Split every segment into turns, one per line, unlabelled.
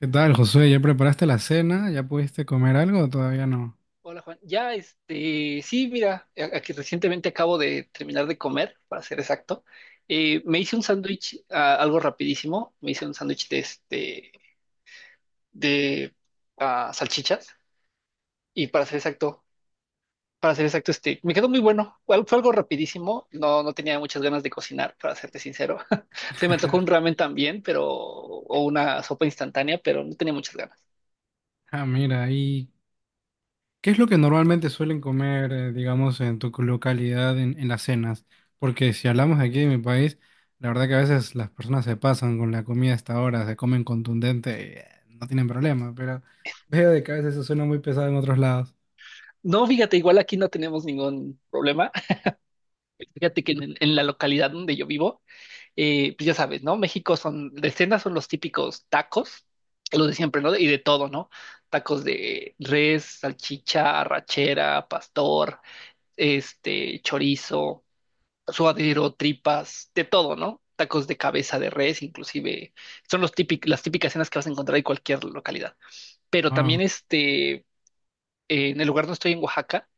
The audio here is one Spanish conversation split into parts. ¿Qué tal, Josué? ¿Ya preparaste la cena? ¿Ya pudiste comer algo o todavía no?
Hola Juan, sí, mira, aquí recientemente acabo de terminar de comer, para ser exacto. Me hice un sándwich, algo rapidísimo, me hice un sándwich de salchichas y para ser exacto, me quedó muy bueno. Fue algo rapidísimo, no tenía muchas ganas de cocinar, para serte sincero. Se me antojó un ramen también, o una sopa instantánea, pero no tenía muchas ganas.
Ah, mira, ¿y qué es lo que normalmente suelen comer, digamos, en tu localidad en las cenas? Porque si hablamos aquí de mi país, la verdad que a veces las personas se pasan con la comida hasta ahora, se comen contundente y no tienen problema, pero veo de que a veces eso suena muy pesado en otros lados.
No, fíjate, igual aquí no tenemos ningún problema. Fíjate que en la localidad donde yo vivo pues ya sabes, ¿no? México son, de cena son los típicos tacos, los de siempre, ¿no? Y de todo, ¿no? Tacos de res, salchicha, arrachera, pastor, chorizo, suadero, tripas, de todo, ¿no? Tacos de cabeza de res, inclusive, son los las típicas cenas que vas a encontrar en cualquier localidad. Pero
Wow,
también, en el lugar donde estoy, en Oaxaca,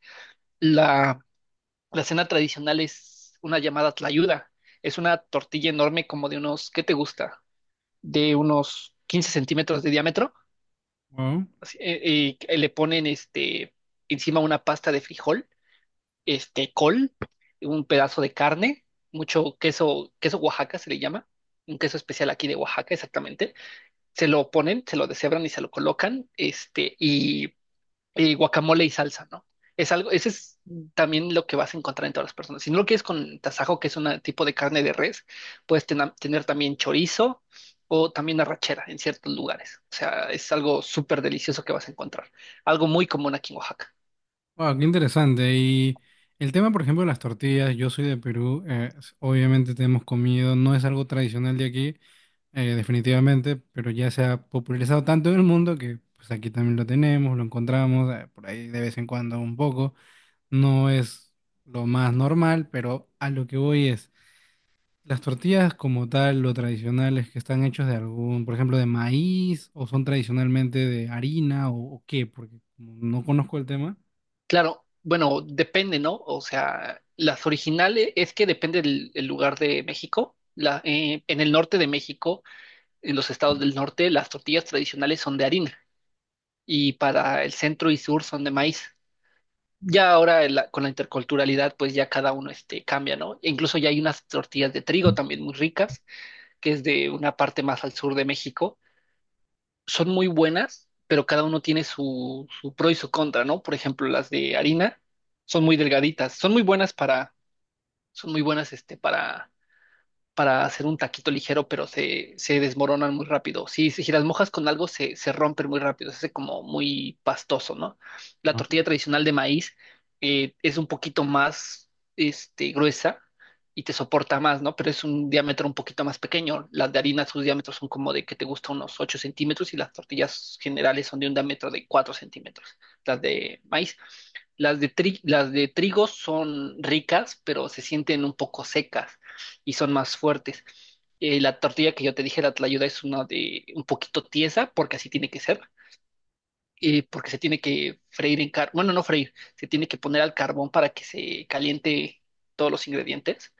la, la cena tradicional es una llamada tlayuda. Es una tortilla enorme como de unos, ¿qué te gusta? De unos 15 centímetros de diámetro
wow,
así, le ponen encima una pasta de frijol, col, un pedazo de carne, mucho queso, queso Oaxaca se le llama, un queso especial aquí de Oaxaca exactamente, se lo ponen, se lo deshebran y se lo colocan, y guacamole y salsa, ¿no? Es algo, ese es también lo que vas a encontrar en todas las personas. Si no lo quieres con tasajo, que es un tipo de carne de res, puedes tener también chorizo o también arrachera en ciertos lugares. O sea, es algo súper delicioso que vas a encontrar. Algo muy común aquí en Oaxaca.
wow, qué interesante. Y el tema, por ejemplo, de las tortillas, yo soy de Perú, obviamente te hemos comido, no es algo tradicional de aquí. Definitivamente, pero ya se ha popularizado tanto en el mundo que pues aquí también lo tenemos, lo encontramos por ahí de vez en cuando un poco. No es lo más normal, pero a lo que voy es, las tortillas como tal, lo tradicionales que están hechos de algún, por ejemplo, de maíz o son tradicionalmente de harina o qué, porque como no conozco el tema.
Claro, bueno, depende, ¿no? O sea, las originales es que depende del lugar de México. En el norte de México, en los estados del norte, las tortillas tradicionales son de harina y para el centro y sur son de maíz. Ya ahora con la interculturalidad, pues ya cada uno cambia, ¿no? E incluso ya hay unas tortillas de trigo también muy ricas, que es de una parte más al sur de México. Son muy buenas, pero cada uno tiene su pro y su contra, ¿no? Por ejemplo, las de harina son muy delgaditas, son muy buenas para hacer un taquito ligero, pero se desmoronan muy rápido. Sí, si las mojas con algo, se rompen muy rápido, se hace como muy pastoso, ¿no? La
Ah,
tortilla tradicional de maíz es un poquito más gruesa y te soporta más, ¿no? Pero es un diámetro un poquito más pequeño. Las de harina, sus diámetros son como de que te gusta unos 8 centímetros y las tortillas generales son de un diámetro de 4 centímetros, las de maíz. Las las de trigo son ricas, pero se sienten un poco secas y son más fuertes. La tortilla que yo te dije, la tlayuda, es una de un poquito tiesa, porque así tiene que ser, porque se tiene que freír en carbón, bueno, no freír, se tiene que poner al carbón para que se caliente todos los ingredientes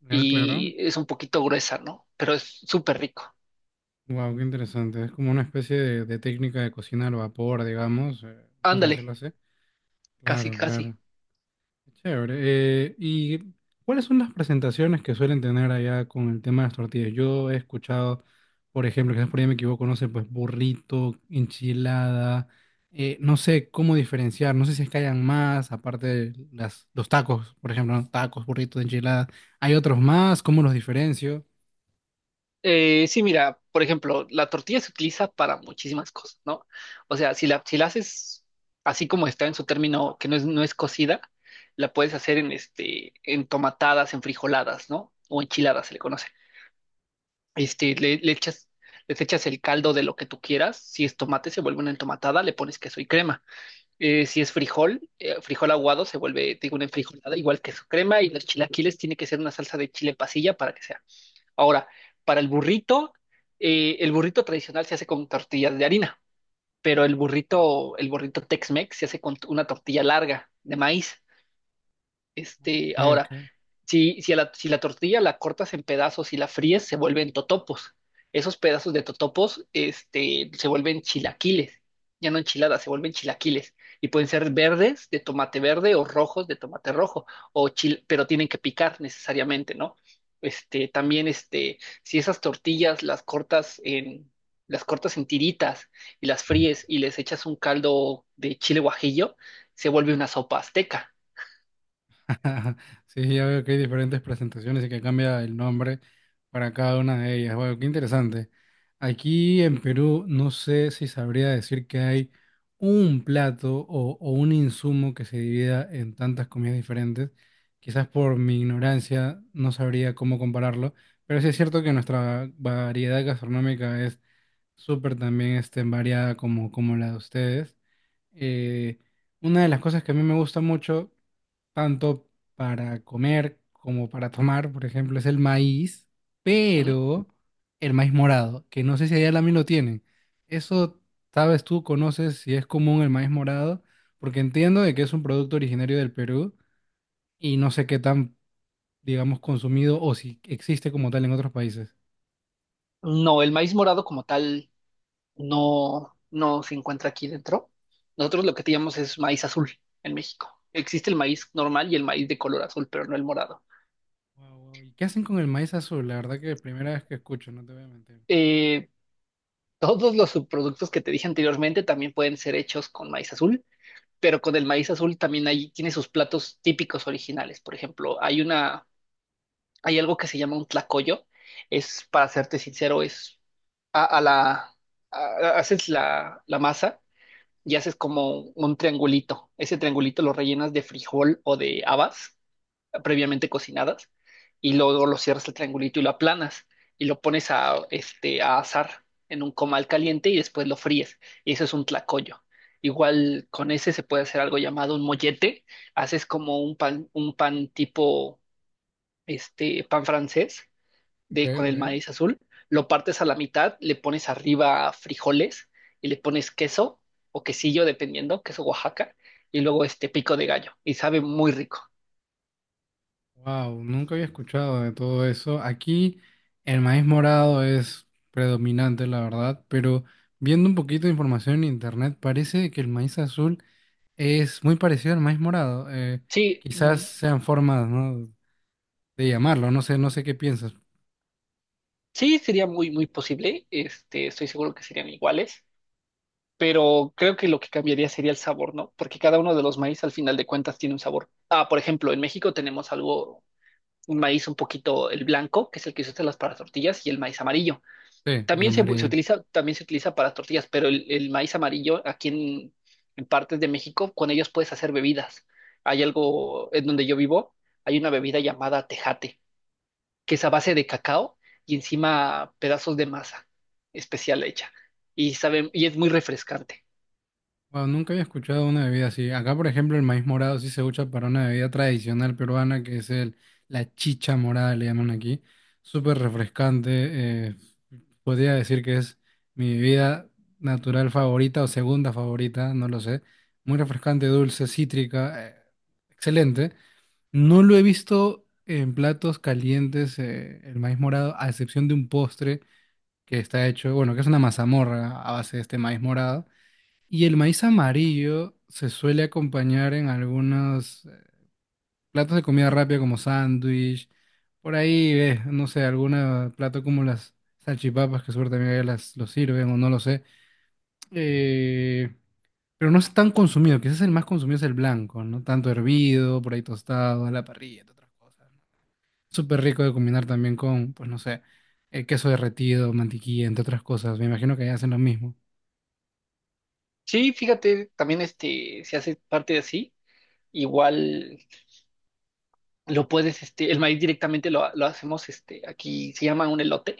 ya, claro.
y es un poquito gruesa, ¿no? Pero es súper rico.
Wow, qué interesante. Es como una especie de técnica de cocina al vapor, digamos. Vamos a
Ándale,
decirlo así.
casi,
Claro,
casi.
claro. Chévere. ¿Y cuáles son las presentaciones que suelen tener allá con el tema de las tortillas? Yo he escuchado, por ejemplo, quizás por ahí me equivoco, no sé, pues burrito, enchilada, no sé cómo diferenciar, no sé si es que hayan más, aparte de las, los tacos, por ejemplo, ¿no? Tacos, burritos, enchiladas. ¿Hay otros más? ¿Cómo los diferencio?
Sí, mira, por ejemplo, la tortilla se utiliza para muchísimas cosas, ¿no? O sea, si la haces así como está en su término, que no es, no es cocida, la puedes hacer en tomatadas, en frijoladas, ¿no? O enchiladas se le conoce. Este, le, le echas, les echas el caldo de lo que tú quieras. Si es tomate, se vuelve una entomatada, le pones queso y crema. Si es frijol, frijol aguado, se vuelve, te digo, una enfrijolada, igual queso crema, y los chilaquiles tiene que ser una salsa de chile pasilla para que sea. Ahora, para el burrito tradicional se hace con tortillas de harina, pero el burrito Tex-Mex se hace con una tortilla larga de maíz. Este,
Ok,
ahora,
ok.
si la tortilla la cortas en pedazos y la fríes, se vuelven totopos. Esos pedazos de totopos, se vuelven chilaquiles. Ya no enchiladas, se vuelven chilaquiles. Y pueden ser verdes de tomate verde o rojos de tomate rojo, pero tienen que picar necesariamente, ¿no? Si esas tortillas las cortas en tiritas y las fríes y les echas un caldo de chile guajillo, se vuelve una sopa azteca.
Ajá. Sí, ya veo que hay diferentes presentaciones y que cambia el nombre para cada una de ellas. Bueno, qué interesante. Aquí en Perú no sé si sabría decir que hay un plato o un insumo que se divida en tantas comidas diferentes. Quizás por mi ignorancia no sabría cómo compararlo, pero sí es cierto que nuestra variedad gastronómica es súper también variada como, como la de ustedes. Eh, una de las cosas que a mí me gusta mucho tanto para comer como para tomar, por ejemplo, es el maíz,
Ujú.
pero el maíz morado, que no sé si allá también lo tienen. Eso, sabes tú, conoces si es común el maíz morado, porque entiendo de que es un producto originario del Perú y no sé qué tan, digamos, consumido o si existe como tal en otros países.
No, el maíz morado como tal no se encuentra aquí dentro. Nosotros lo que teníamos es maíz azul en México. Existe el maíz normal y el maíz de color azul, pero no el morado.
Guau, guau. ¿Y qué hacen con el maíz azul? La verdad que es la primera vez que escucho, no te voy a mentir.
Eh, Todos los subproductos que te dije anteriormente también pueden ser hechos con maíz azul, pero con el maíz azul también hay, tiene sus platos típicos originales. Por ejemplo, hay algo que se llama un tlacoyo. Es, para serte sincero, es a la, a- haces la masa y haces como un triangulito. Ese triangulito lo rellenas de frijol o de habas previamente cocinadas y luego lo cierras el triangulito y lo aplanas y lo pones a, a asar en un comal caliente y después lo fríes. Y eso es un tlacoyo. Igual con ese se puede hacer algo llamado un mollete. Haces como un pan tipo pan francés
Ok,
de con
ok.
el maíz azul, lo partes a la mitad, le pones arriba frijoles y le pones queso o quesillo, dependiendo, queso Oaxaca, y luego este pico de gallo, y sabe muy rico.
Wow, nunca había escuchado de todo eso. Aquí el maíz morado es predominante, la verdad, pero viendo un poquito de información en internet, parece que el maíz azul es muy parecido al maíz morado.
Sí,
Quizás
mm,
sean formas, ¿no? de llamarlo, no sé, no sé qué piensas.
sí, sería muy, muy posible, estoy seguro que serían iguales, pero creo que lo que cambiaría sería el sabor, ¿no? Porque cada uno de los maíz al final de cuentas tiene un sabor. Ah, por ejemplo, en México tenemos algo, un maíz un poquito, el blanco, que es el que se usa en las para tortillas, y el maíz amarillo.
Sí, el
También se
amarillo.
utiliza, también se utiliza para tortillas, pero el maíz amarillo en partes de México, con ellos puedes hacer bebidas. Hay algo en donde yo vivo, hay una bebida llamada tejate, que es a base de cacao y encima pedazos de masa especial hecha. Y sabe, y es muy refrescante.
Wow, nunca había escuchado una bebida así. Acá, por ejemplo, el maíz morado sí se usa para una bebida tradicional peruana que es el, la chicha morada, le llaman aquí. Súper refrescante. eh, podría decir que es mi bebida natural favorita o segunda favorita, no lo sé. Muy refrescante, dulce, cítrica. Excelente. No lo he visto en platos calientes, el maíz morado, a excepción de un postre que está hecho, bueno, que es una mazamorra a base de este maíz morado y el maíz amarillo se suele acompañar en algunos platos de comida rápida como sándwich, por ahí, no sé, algún plato como las salchipapas, que seguro también allá las lo sirven o no lo sé. Eh, pero no es tan consumido, quizás el más consumido es el blanco, ¿no? Tanto hervido, por ahí tostado, a la parrilla, entre otras cosas. ¿No? Súper rico de combinar también con, pues no sé, queso derretido, mantequilla, entre otras cosas. Me imagino que allá hacen lo mismo.
Sí, fíjate, también este se hace parte de así. Igual lo puedes, el maíz directamente lo hacemos, aquí se llama un elote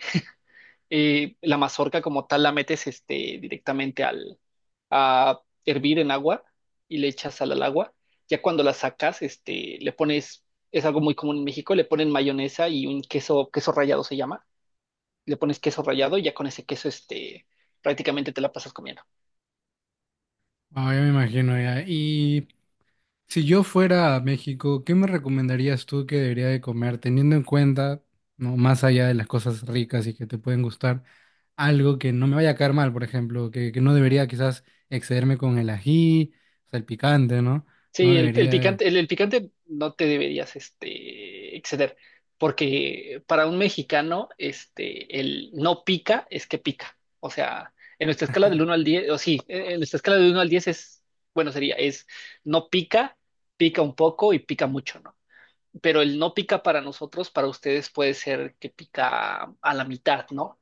la mazorca como tal la metes directamente al, a hervir en agua y le echas sal al agua. Ya cuando la sacas, es algo muy común en México, le ponen mayonesa y un queso, queso rallado se llama. Le pones queso rallado y ya con ese queso, prácticamente te la pasas comiendo.
Ah, ya me imagino ya. Y si yo fuera a México, ¿qué me recomendarías tú que debería de comer, teniendo en cuenta, no, más allá de las cosas ricas y que te pueden gustar, algo que no me vaya a caer mal, por ejemplo, que no debería quizás excederme con el ají, o sea, el picante, ¿no? No
Sí, el
debería de-
picante, el picante no te deberías exceder, porque para un mexicano, el no pica es que pica. O sea, en nuestra escala del 1 al 10, o sí, en nuestra escala del 1 al 10 es, bueno, sería, es no pica, pica un poco y pica mucho, ¿no? Pero el no pica para nosotros, para ustedes puede ser que pica a la mitad, ¿no?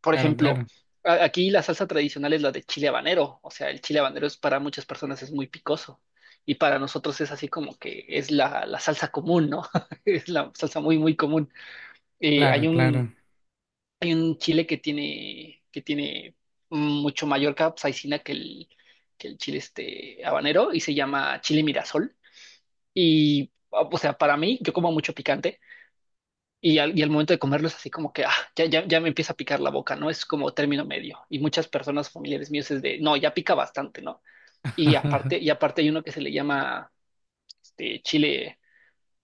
Por
claro,
ejemplo,
claro,
aquí la salsa tradicional es la de chile habanero, o sea, el chile habanero es para muchas personas es muy picoso y para nosotros es así como que es la salsa común, ¿no? Es la salsa muy, muy común. Eh, hay
claro,
un,
claro.
Hay un chile que tiene mucho mayor capsaicina que el chile este habanero y se llama chile mirasol. Y, o sea, para mí, yo como mucho picante. Y al momento de comerlo es así como que ah, ya me empieza a picar la boca, ¿no? Es como término medio. Y muchas personas familiares míos es de, no, ya pica bastante, ¿no? Y aparte hay uno que se le llama este, chile,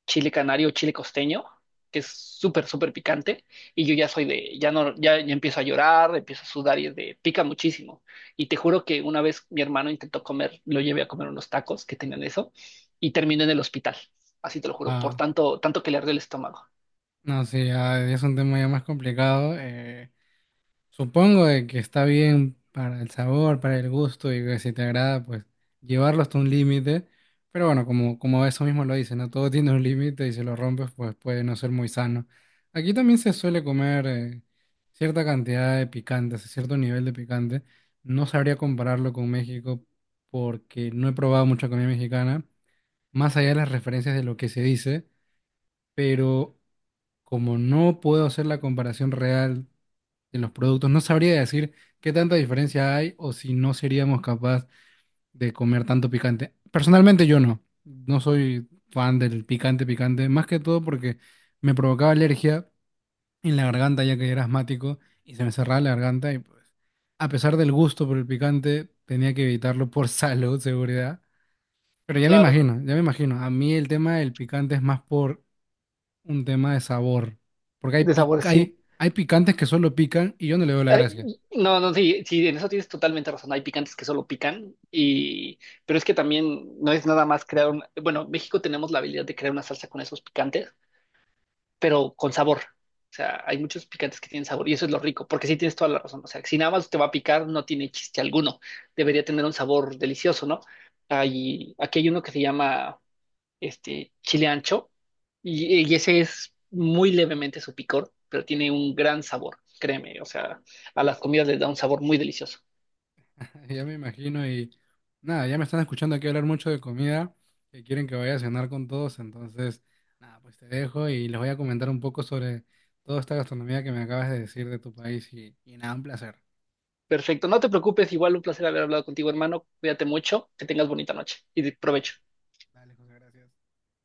chile canario, chile costeño, que es súper, súper picante. Y yo ya soy de, ya no, ya empiezo a llorar, empiezo a sudar y es de, pica muchísimo. Y te juro que una vez mi hermano intentó comer, lo llevé a comer unos tacos que tenían eso y terminó en el hospital. Así te lo juro, por
ah,
tanto, tanto que le arde el estómago.
no, sí, ah, es un tema ya más complicado. Supongo de que está bien para el sabor, para el gusto y que si te agrada, pues llevarlo hasta un límite. Pero bueno, como, como eso mismo lo dice, ¿no? Todo tiene un límite y si lo rompes, pues puede no ser muy sano. Aquí también se suele comer cierta cantidad de picante, o sea, cierto nivel de picante. No sabría compararlo con México porque no he probado mucha comida mexicana, más allá de las referencias de lo que se dice, pero como no puedo hacer la comparación real en los productos. No sabría decir qué tanta diferencia hay o si no seríamos capaz de comer tanto picante. Personalmente yo no. No soy fan del picante picante, más que todo porque me provocaba alergia en la garganta ya que era asmático y se me cerraba la garganta y pues a pesar del gusto por el picante tenía que evitarlo por salud, seguridad. Pero ya me
Claro,
imagino, ya me imagino. A mí el tema del picante es más por un tema de sabor. Porque hay,
de sabor
pic-
sí.
hay picantes que solo pican y yo no le veo la
Ay,
gracia.
no, no, sí, sí, en eso tienes totalmente razón. Hay picantes que solo pican, y, pero es que también no es nada más crear un, bueno, en México tenemos la habilidad de crear una salsa con esos picantes, pero con sabor. O sea, hay muchos picantes que tienen sabor y eso es lo rico, porque sí tienes toda la razón. O sea, si nada más te va a picar, no tiene chiste alguno. Debería tener un sabor delicioso, ¿no? Hay, aquí hay uno que se llama chile ancho, y ese es muy levemente su picor, pero tiene un gran sabor, créeme, o sea, a las comidas les da un sabor muy delicioso.
Ya me imagino y nada, ya me están escuchando aquí hablar mucho de comida, que quieren que vaya a cenar con todos, entonces nada, pues te dejo y les voy a comentar un poco sobre toda esta gastronomía que me acabas de decir de tu país y nada, un placer.
Perfecto, no te preocupes, igual un placer haber hablado contigo, hermano, cuídate mucho, que tengas bonita noche y de-
Vale.
provecho.
Dale, José, gracias.